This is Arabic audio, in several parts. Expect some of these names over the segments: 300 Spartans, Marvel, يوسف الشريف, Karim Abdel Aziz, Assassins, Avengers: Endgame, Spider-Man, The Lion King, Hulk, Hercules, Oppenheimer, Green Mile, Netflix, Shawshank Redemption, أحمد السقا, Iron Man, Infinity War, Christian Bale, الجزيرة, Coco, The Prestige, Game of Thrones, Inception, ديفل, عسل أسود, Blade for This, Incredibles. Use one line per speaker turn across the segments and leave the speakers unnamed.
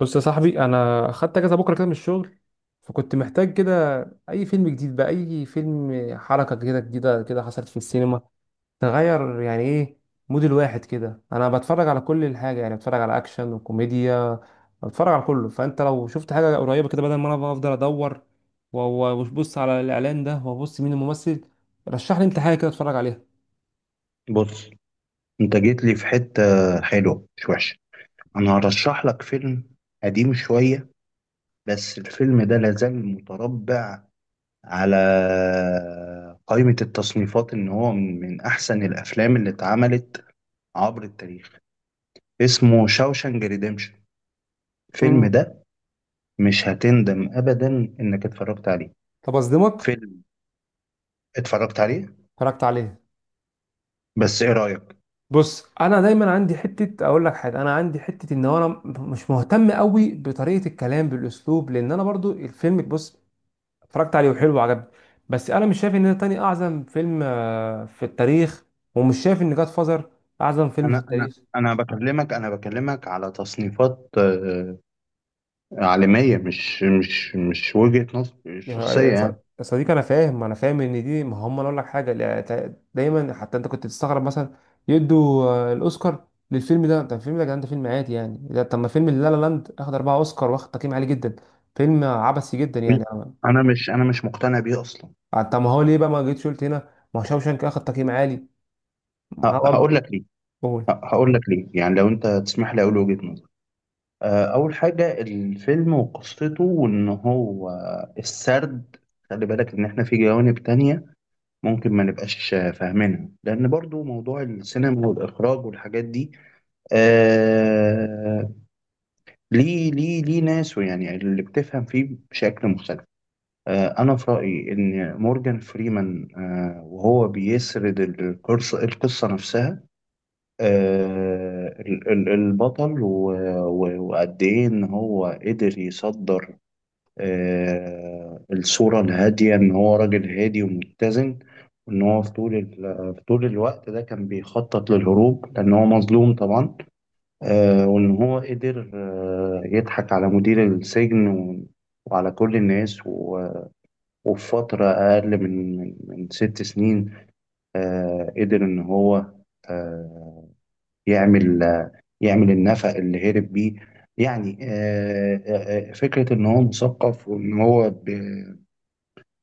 بص يا صاحبي، انا خدت اجازه بكره كده من الشغل، فكنت محتاج كده. اي فيلم جديد بقى، اي فيلم، حركه كده جديده كده حصلت في السينما، تغير يعني ايه مود الواحد كده. انا بتفرج على كل الحاجه، يعني بتفرج على اكشن وكوميديا، بتفرج على كله. فانت لو شفت حاجه قريبه كده بدل ما انا بقى افضل ادور وابص على الاعلان ده، وابص مين الممثل، رشح لي انت حاجه كده اتفرج عليها.
بص، انت جيت لي في حتة حلوة مش وحشة. انا هرشح لك فيلم قديم شوية، بس الفيلم ده لازال متربع على قائمة التصنيفات ان هو من احسن الافلام اللي اتعملت عبر التاريخ. اسمه شاوشانج ريديمشن.
مم.
الفيلم ده مش هتندم ابدا انك اتفرجت عليه.
طب اصدمك،
فيلم اتفرجت عليه،
اتفرجت عليها.
بس ايه رأيك؟
بص، انا دايما عندي حته اقول لك حاجه، انا عندي حته ان انا مش مهتم قوي بطريقه الكلام بالاسلوب، لان انا برضو الفيلم، بص، اتفرجت عليه وحلو وعجبني. بس انا مش شايف ان ده تاني اعظم فيلم في التاريخ، ومش شايف ان جاد فازر اعظم فيلم في
انا انا
التاريخ.
انا بكلمك، انا بكلمك على تصنيفات عالمية، مش وجهة نظر
يا
شخصية
ص-
يعني.
يا صديقي، انا فاهم، انا فاهم ان دي ما هم. أنا اقول لك حاجه: لا، دايما حتى انت كنت تستغرب مثلا يدوا الاوسكار للفيلم ده. طب الفيلم ده يا جدعان ده فيلم عادي يعني. ده طب ما فيلم لا لا لاند اخد اربعه اوسكار واخد تقييم عالي جدا، فيلم عبثي جدا يعني
أنا مش، أنا مش مقتنع بيه أصلا.
طب ما هو ليه بقى ما جيتش قلت هنا؟ ما هو شاوشانك اخد تقييم عالي معاه برضه.
هقول لك ليه.
قول.
هقول لك ليه يعني، لو أنت تسمح لي أقول وجهة نظر. أول حاجة الفيلم وقصته، وإن هو السرد. خلي بالك إن إحنا في جوانب تانية ممكن ما نبقاش فاهمينها، لأن برضو موضوع السينما والإخراج والحاجات دي. آه ليه ناس، ويعني اللي بتفهم فيه بشكل مختلف. أنا في رأيي إن مورجان فريمان، وهو بيسرد القصة، القصة نفسها، البطل وقد إيه إن هو قدر يصدر الصورة الهادية، إن هو راجل هادي ومتزن، وإن هو في طول الوقت ده كان بيخطط للهروب، لأن هو مظلوم طبعا. وإن هو قدر يضحك على مدير السجن، و- وعلى كل الناس، و وفي فترة أقل من ست سنين، قدر إن هو آه، يعمل، يعمل النفق اللي هرب بيه. يعني فكرة إن هو مثقف، وإن هو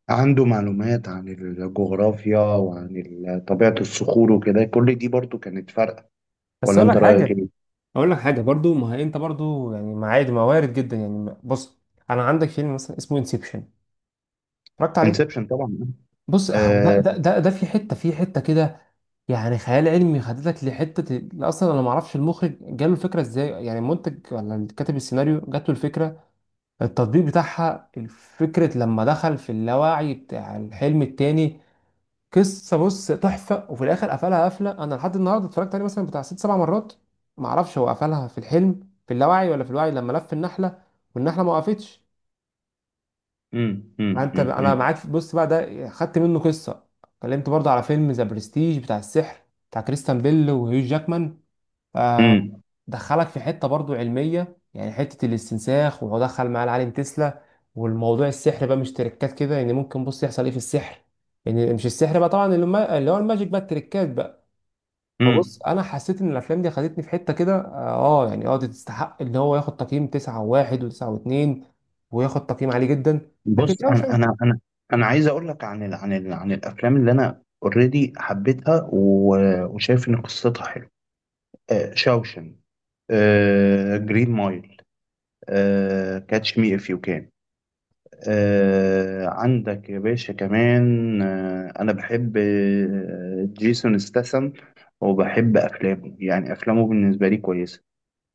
عنده معلومات عن الجغرافيا وعن طبيعة الصخور وكده، كل دي برضو كانت فارقة.
بس
ولا
اقول
أنت
لك
رأيك
حاجه،
إيه؟
اقول لك حاجه برضه. ما هي انت برضه يعني، ما عادي ما وارد جدا يعني. بص، انا عندك فيلم مثلا اسمه انسبشن، اتفرجت عليه.
انسبشن طبعا.
بص، اهو ده ده
آه،
ده ده في حته كده، يعني خيال علمي، خدتك لحتة أصلا. أنا معرفش المخرج جاله الفكرة إزاي، يعني المنتج ولا اللي كاتب السيناريو جاته الفكرة، التطبيق بتاعها الفكرة لما دخل في اللاوعي بتاع الحلم التاني. قصة، بص، تحفة، وفي الآخر قفلها قفلة، أنا لحد النهاردة اتفرجت عليه مثلا بتاع ست سبع مرات، معرفش هو قفلها في الحلم في اللاوعي ولا في الوعي لما لف النحلة والنحلة ما وقفتش.
مم، مم،
أنت
مم،
أنا
مم،
معاك بص بقى ده خدت منه قصة، اتكلمت برضه على فيلم ذا برستيج بتاع السحر، بتاع كريستيان بيل وهيو جاكمان، آه،
مم،
دخلك في حته برضو علميه، يعني حته الاستنساخ وهو دخل معاه العالم تسلا، والموضوع السحر بقى مش تريكات كده، يعني ممكن، بص، يحصل ايه في السحر، يعني مش السحر بقى طبعا اللي اللي هو الماجيك بقى، التريكات بقى.
مم.
فبص، انا حسيت ان الافلام دي خدتني في حته كده اه يعني اه دي تستحق ان هو ياخد تقييم 9 و1 و9 و2، وياخد تقييم عالي جدا. لكن
بص، انا
شاوشانك.
انا انا انا عايز اقول لك عن ال عن ال عن الافلام اللي انا اوريدي حبيتها وشايف ان قصتها حلوه. آه، شاوشن، آه، جرين مايل، آه، كاتش مي اف يو كان، آه، عندك يا باشا كمان آه، انا بحب آه، جيسون ستاثام وبحب افلامه، يعني افلامه بالنسبه لي كويسه.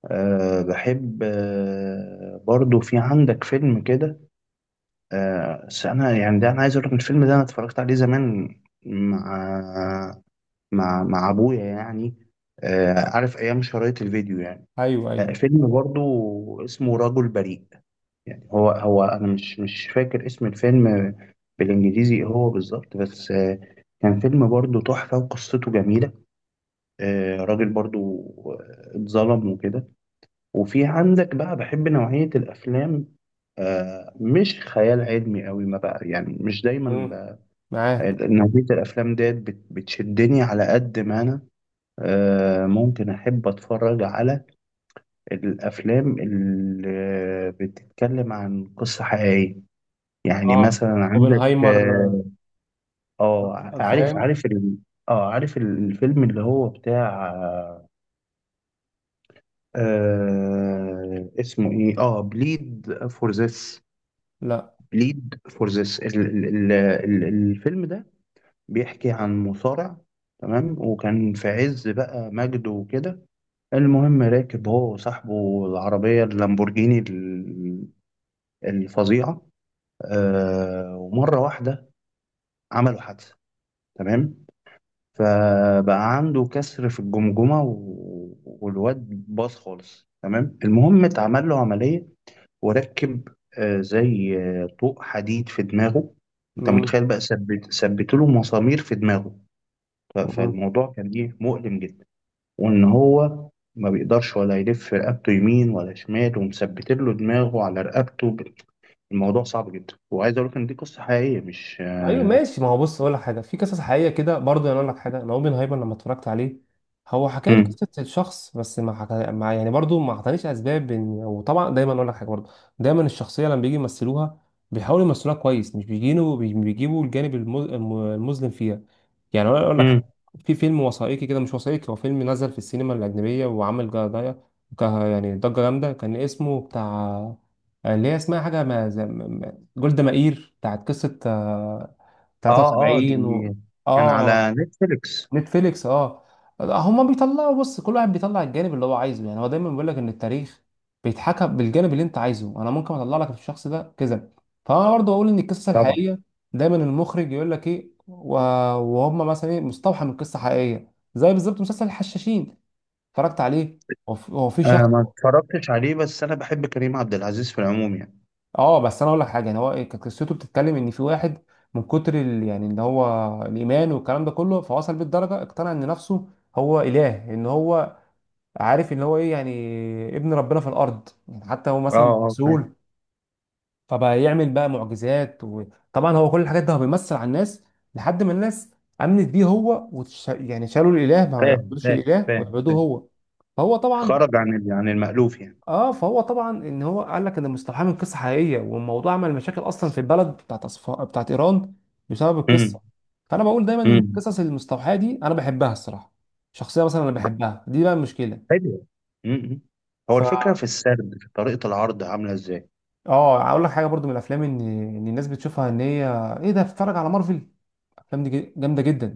آه، بحب آه، برضو في عندك فيلم كده. بس انا يعني ده، انا عايز اقول لك الفيلم ده انا اتفرجت عليه زمان مع مع ابويا يعني، عارف ايام شرايط الفيديو يعني.
ايوه، ايوه.
فيلم برضو اسمه رجل بريء. يعني هو انا مش فاكر اسم الفيلم بالانجليزي إيه هو بالظبط، بس كان فيلم برضو تحفة وقصته جميلة. راجل برضو اتظلم وكده. وفي عندك بقى، بحب نوعية الأفلام. آه، مش خيال علمي قوي ما بقى، يعني مش دايما
مم.
بقى.
معاك.
نوعية الأفلام ديت بتشدني، على قد ما أنا آه، ممكن أحب أتفرج على الأفلام اللي بتتكلم عن قصة حقيقية، يعني
اه،
مثلا عندك
اوبنهايمر.
اه. آه، عارف،
فاهم.
عارف ال... اه عارف الفيلم اللي هو بتاع آه، اسمه ايه، اه بليد فور ذس.
لا.
بليد فور ذس، الفيلم ده بيحكي عن مصارع، تمام، وكان في عز بقى مجده وكده. المهم راكب هو وصاحبه العربية اللامبورجيني الفظيعة، آه، ومرة واحدة عملوا حادثة، تمام. فبقى عنده كسر في الجمجمة والواد باظ خالص، تمام. المهم اتعمل له عملية وركب زي طوق حديد في دماغه. انت متخيل بقى، ثبت له مسامير في دماغه.
مم.
فالموضوع كان ايه، مؤلم جدا. وان هو ما بيقدرش ولا يلف رقبته يمين ولا شمال، ومثبت له دماغه على رقبته الموضوع صعب جدا. وعايز اقول لك ان دي قصة حقيقية، مش
ايوه
آه،
ماشي، ما هو بص اقول لك حاجه، في قصص حقيقيه كده برضه، انا اقول لك حاجه، انا اوبن هايبر لما اتفرجت عليه، هو حكى لي
مم.
قصه الشخص، بس ما حكى، ما يعني برضه ما اعطانيش اسباب وطبعا دايما اقول لك حاجه برضه، دايما الشخصيه لما بيجي يمثلوها، بيحاولوا يمثلوها كويس، مش بيجينوا بيجيبوا الجانب المظلم فيها. يعني انا اقول لك
مم.
حاجة. في فيلم وثائقي كده، مش وثائقي، هو فيلم نزل في السينما الاجنبيه وعمل جدايه، يعني ضجه جامده، كان اسمه بتاع اللي هي اسمها حاجه ما جولدا مائير، بتاعت قصه
اه اه دي
73
كان
اه.
على نتفليكس.
نتفليكس اه. هما بيطلعوا، بص، كل واحد بيطلع الجانب اللي هو عايزه، يعني هو دايما بيقول لك ان التاريخ بيتحكم بالجانب اللي انت عايزه. انا ممكن اطلع لك في الشخص ده كذا. فانا برضه اقول ان القصه
طبعا
الحقيقيه دايما المخرج يقول لك ايه، وهم مثلا ايه مستوحى من قصه حقيقيه زي بالظبط مسلسل الحشاشين، اتفرجت عليه. هو في، هو في
انا
شخص،
ما اتفرجتش عليه، بس انا بحب كريم عبد العزيز في العموم يعني.
اه. بس انا اقول لك حاجه، يعني هو كانت قصته بتتكلم ان في واحد من كتر يعني ان هو الايمان والكلام ده كله، فوصل بالدرجه اقتنع ان نفسه هو اله، ان هو عارف ان هو ايه، يعني ابن ربنا في الارض، يعني حتى هو
اه
مثلا مش
اه فاهم.
مسؤول. فبقى يعمل بقى معجزات، وطبعا هو كل الحاجات ده هو بيمثل على الناس لحد ما الناس امنت بيه هو يعني شالوا الاله، ما
فاهم،
يعبدوش
فاهم،
الاله
فاهم.
ويعبدوه هو. فهو طبعا،
خرج عن عن المألوف يعني.
اه فهو طبعا، ان هو قال لك ان مستوحاه من قصه حقيقيه، والموضوع عمل مشاكل اصلا في البلد بتاعت بتاعت ايران، بسبب القصه.
امم.
فانا بقول دايما ان
امم.
القصص المستوحاه دي انا بحبها الصراحه. شخصيه مثلا انا بحبها دي بقى المشكله.
حلو. امم. هو
ف،
الفكرة في السرد، في طريقة العرض عاملة ازاي؟
اه هقول لك حاجه برضو من الافلام، ان الناس بتشوفها ان هي ايه ده، بتتفرج على مارفل، الافلام دي جامده جدا،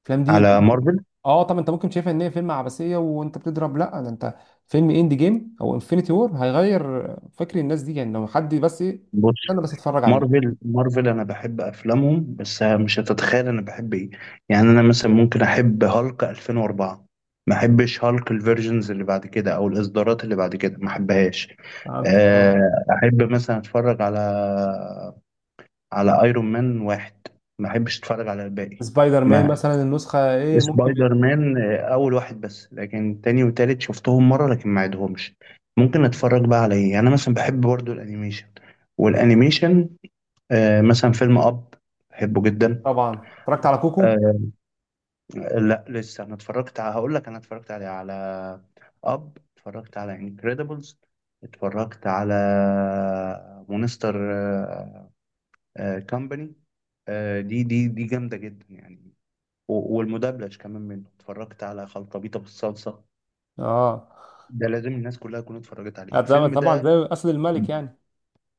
الافلام دي انت
على
ممكن.
مارفل؟
اه، طب انت ممكن شايفها ان هي فيلم عبثيه وانت بتضرب؟ لا ده انت، فيلم اند جيم او انفينيتي وور هيغير فكر الناس دي يعني، لو حد بس ايه
بص،
انا بس اتفرج عليه.
مارفل، مارفل انا بحب افلامهم، بس مش هتتخيل انا بحب ايه. يعني انا مثلا ممكن احب هالك 2004، ما احبش هالك الفيرجنز اللي بعد كده او الاصدارات اللي بعد كده، ما احبهاش.
فهمتك اه.
احب مثلا اتفرج على ايرون مان واحد، ما احبش اتفرج على الباقي.
سبايدر مان
ما
مثلا النسخه ايه ممكن.
سبايدر مان اول واحد بس، لكن تاني وتالت شفتهم مره، لكن ما عدهمش. ممكن اتفرج بقى على ايه، انا مثلا بحب برضو الانيميشن. والانيميشن آه، مثلا فيلم اب، بحبه جدا.
طبعا اتفرجت على كوكو.
آه، لا لسه. انا اتفرجت على، هقول لك، انا اتفرجت على اب، اتفرجت على انكريدبلز، اتفرجت على مونستر كامباني. دي جامده جدا يعني. والمدبلج كمان منه، اتفرجت على خلطبيطه بالصلصه.
اه
ده لازم الناس كلها تكون اتفرجت عليه
طبعا،
الفيلم
طبعاً،
ده.
زي اسد الملك يعني.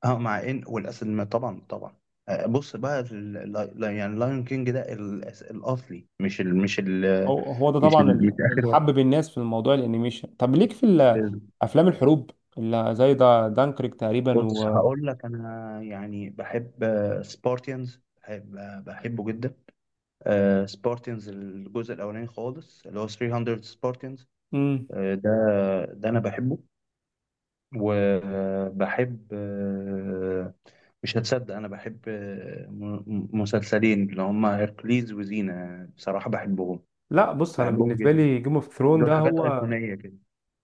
اه، مع ان والاسد طبعا، طبعا. بص بقى، في ال... يعني لايون كينج ده الاصلي، مش ال... مش ال...
هو هو ده
مش ال...
طبعا
مش
اللي
اخر واحد.
حبب الناس في الموضوع الانيميشن. طب ليك في افلام الحروب اللي زي ده دانكريك تقريبا
بص،
و.
هقول لك انا يعني بحب سبارتيانز، بحب آه، بحبه جدا. سبارتيانز الجزء الاولاني خالص، اللي هو 300 سبارتيانز،
مم.
ده ده انا بحبه. وبحب مش هتصدق، أنا بحب آه، مسلسلين اللي هما هيركليز وزينة، بصراحة بحبهم،
لا، بص، انا
بحبهم
بالنسبه
جدا.
لي جيم اوف ثرون
دول
ده
حاجات
هو.
أيقونية كده.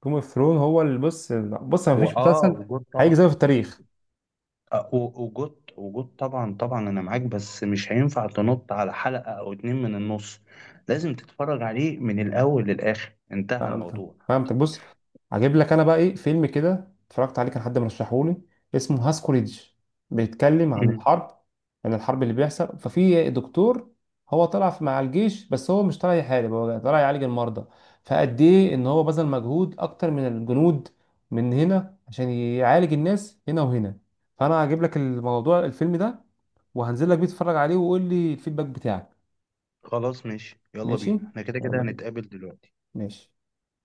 جيم اوف ثرون هو اللي، بص، بص، ما فيش
وآه،
مسلسل
وجود طبعا،
هيجي زيه في التاريخ.
وجود، وجود طبعا، طبعا أنا معاك. بس مش هينفع تنط على حلقة أو اتنين من النص، لازم تتفرج عليه من الأول للآخر، انتهى
فهمت،
الموضوع.
فهمت. بص، هجيب لك انا بقى ايه فيلم كده اتفرجت عليه، كان حد مرشحه لي، اسمه هاسكوريدج، بيتكلم عن
مم.
الحرب، عن الحرب اللي بيحصل، ففي دكتور هو طلع مع الجيش، بس هو مش طالع يحارب، هو طالع يعالج المرضى، فقد ايه ان هو بذل مجهود اكتر من الجنود من هنا عشان يعالج الناس هنا وهنا. فانا هجيب لك الموضوع، الفيلم ده، وهنزل لك بيه تتفرج عليه وقول لي الفيدباك بتاعك.
خلاص ماشي، يلا
ماشي،
بينا، احنا كده كده
يلا بينا.
هنتقابل دلوقتي.
ماشي.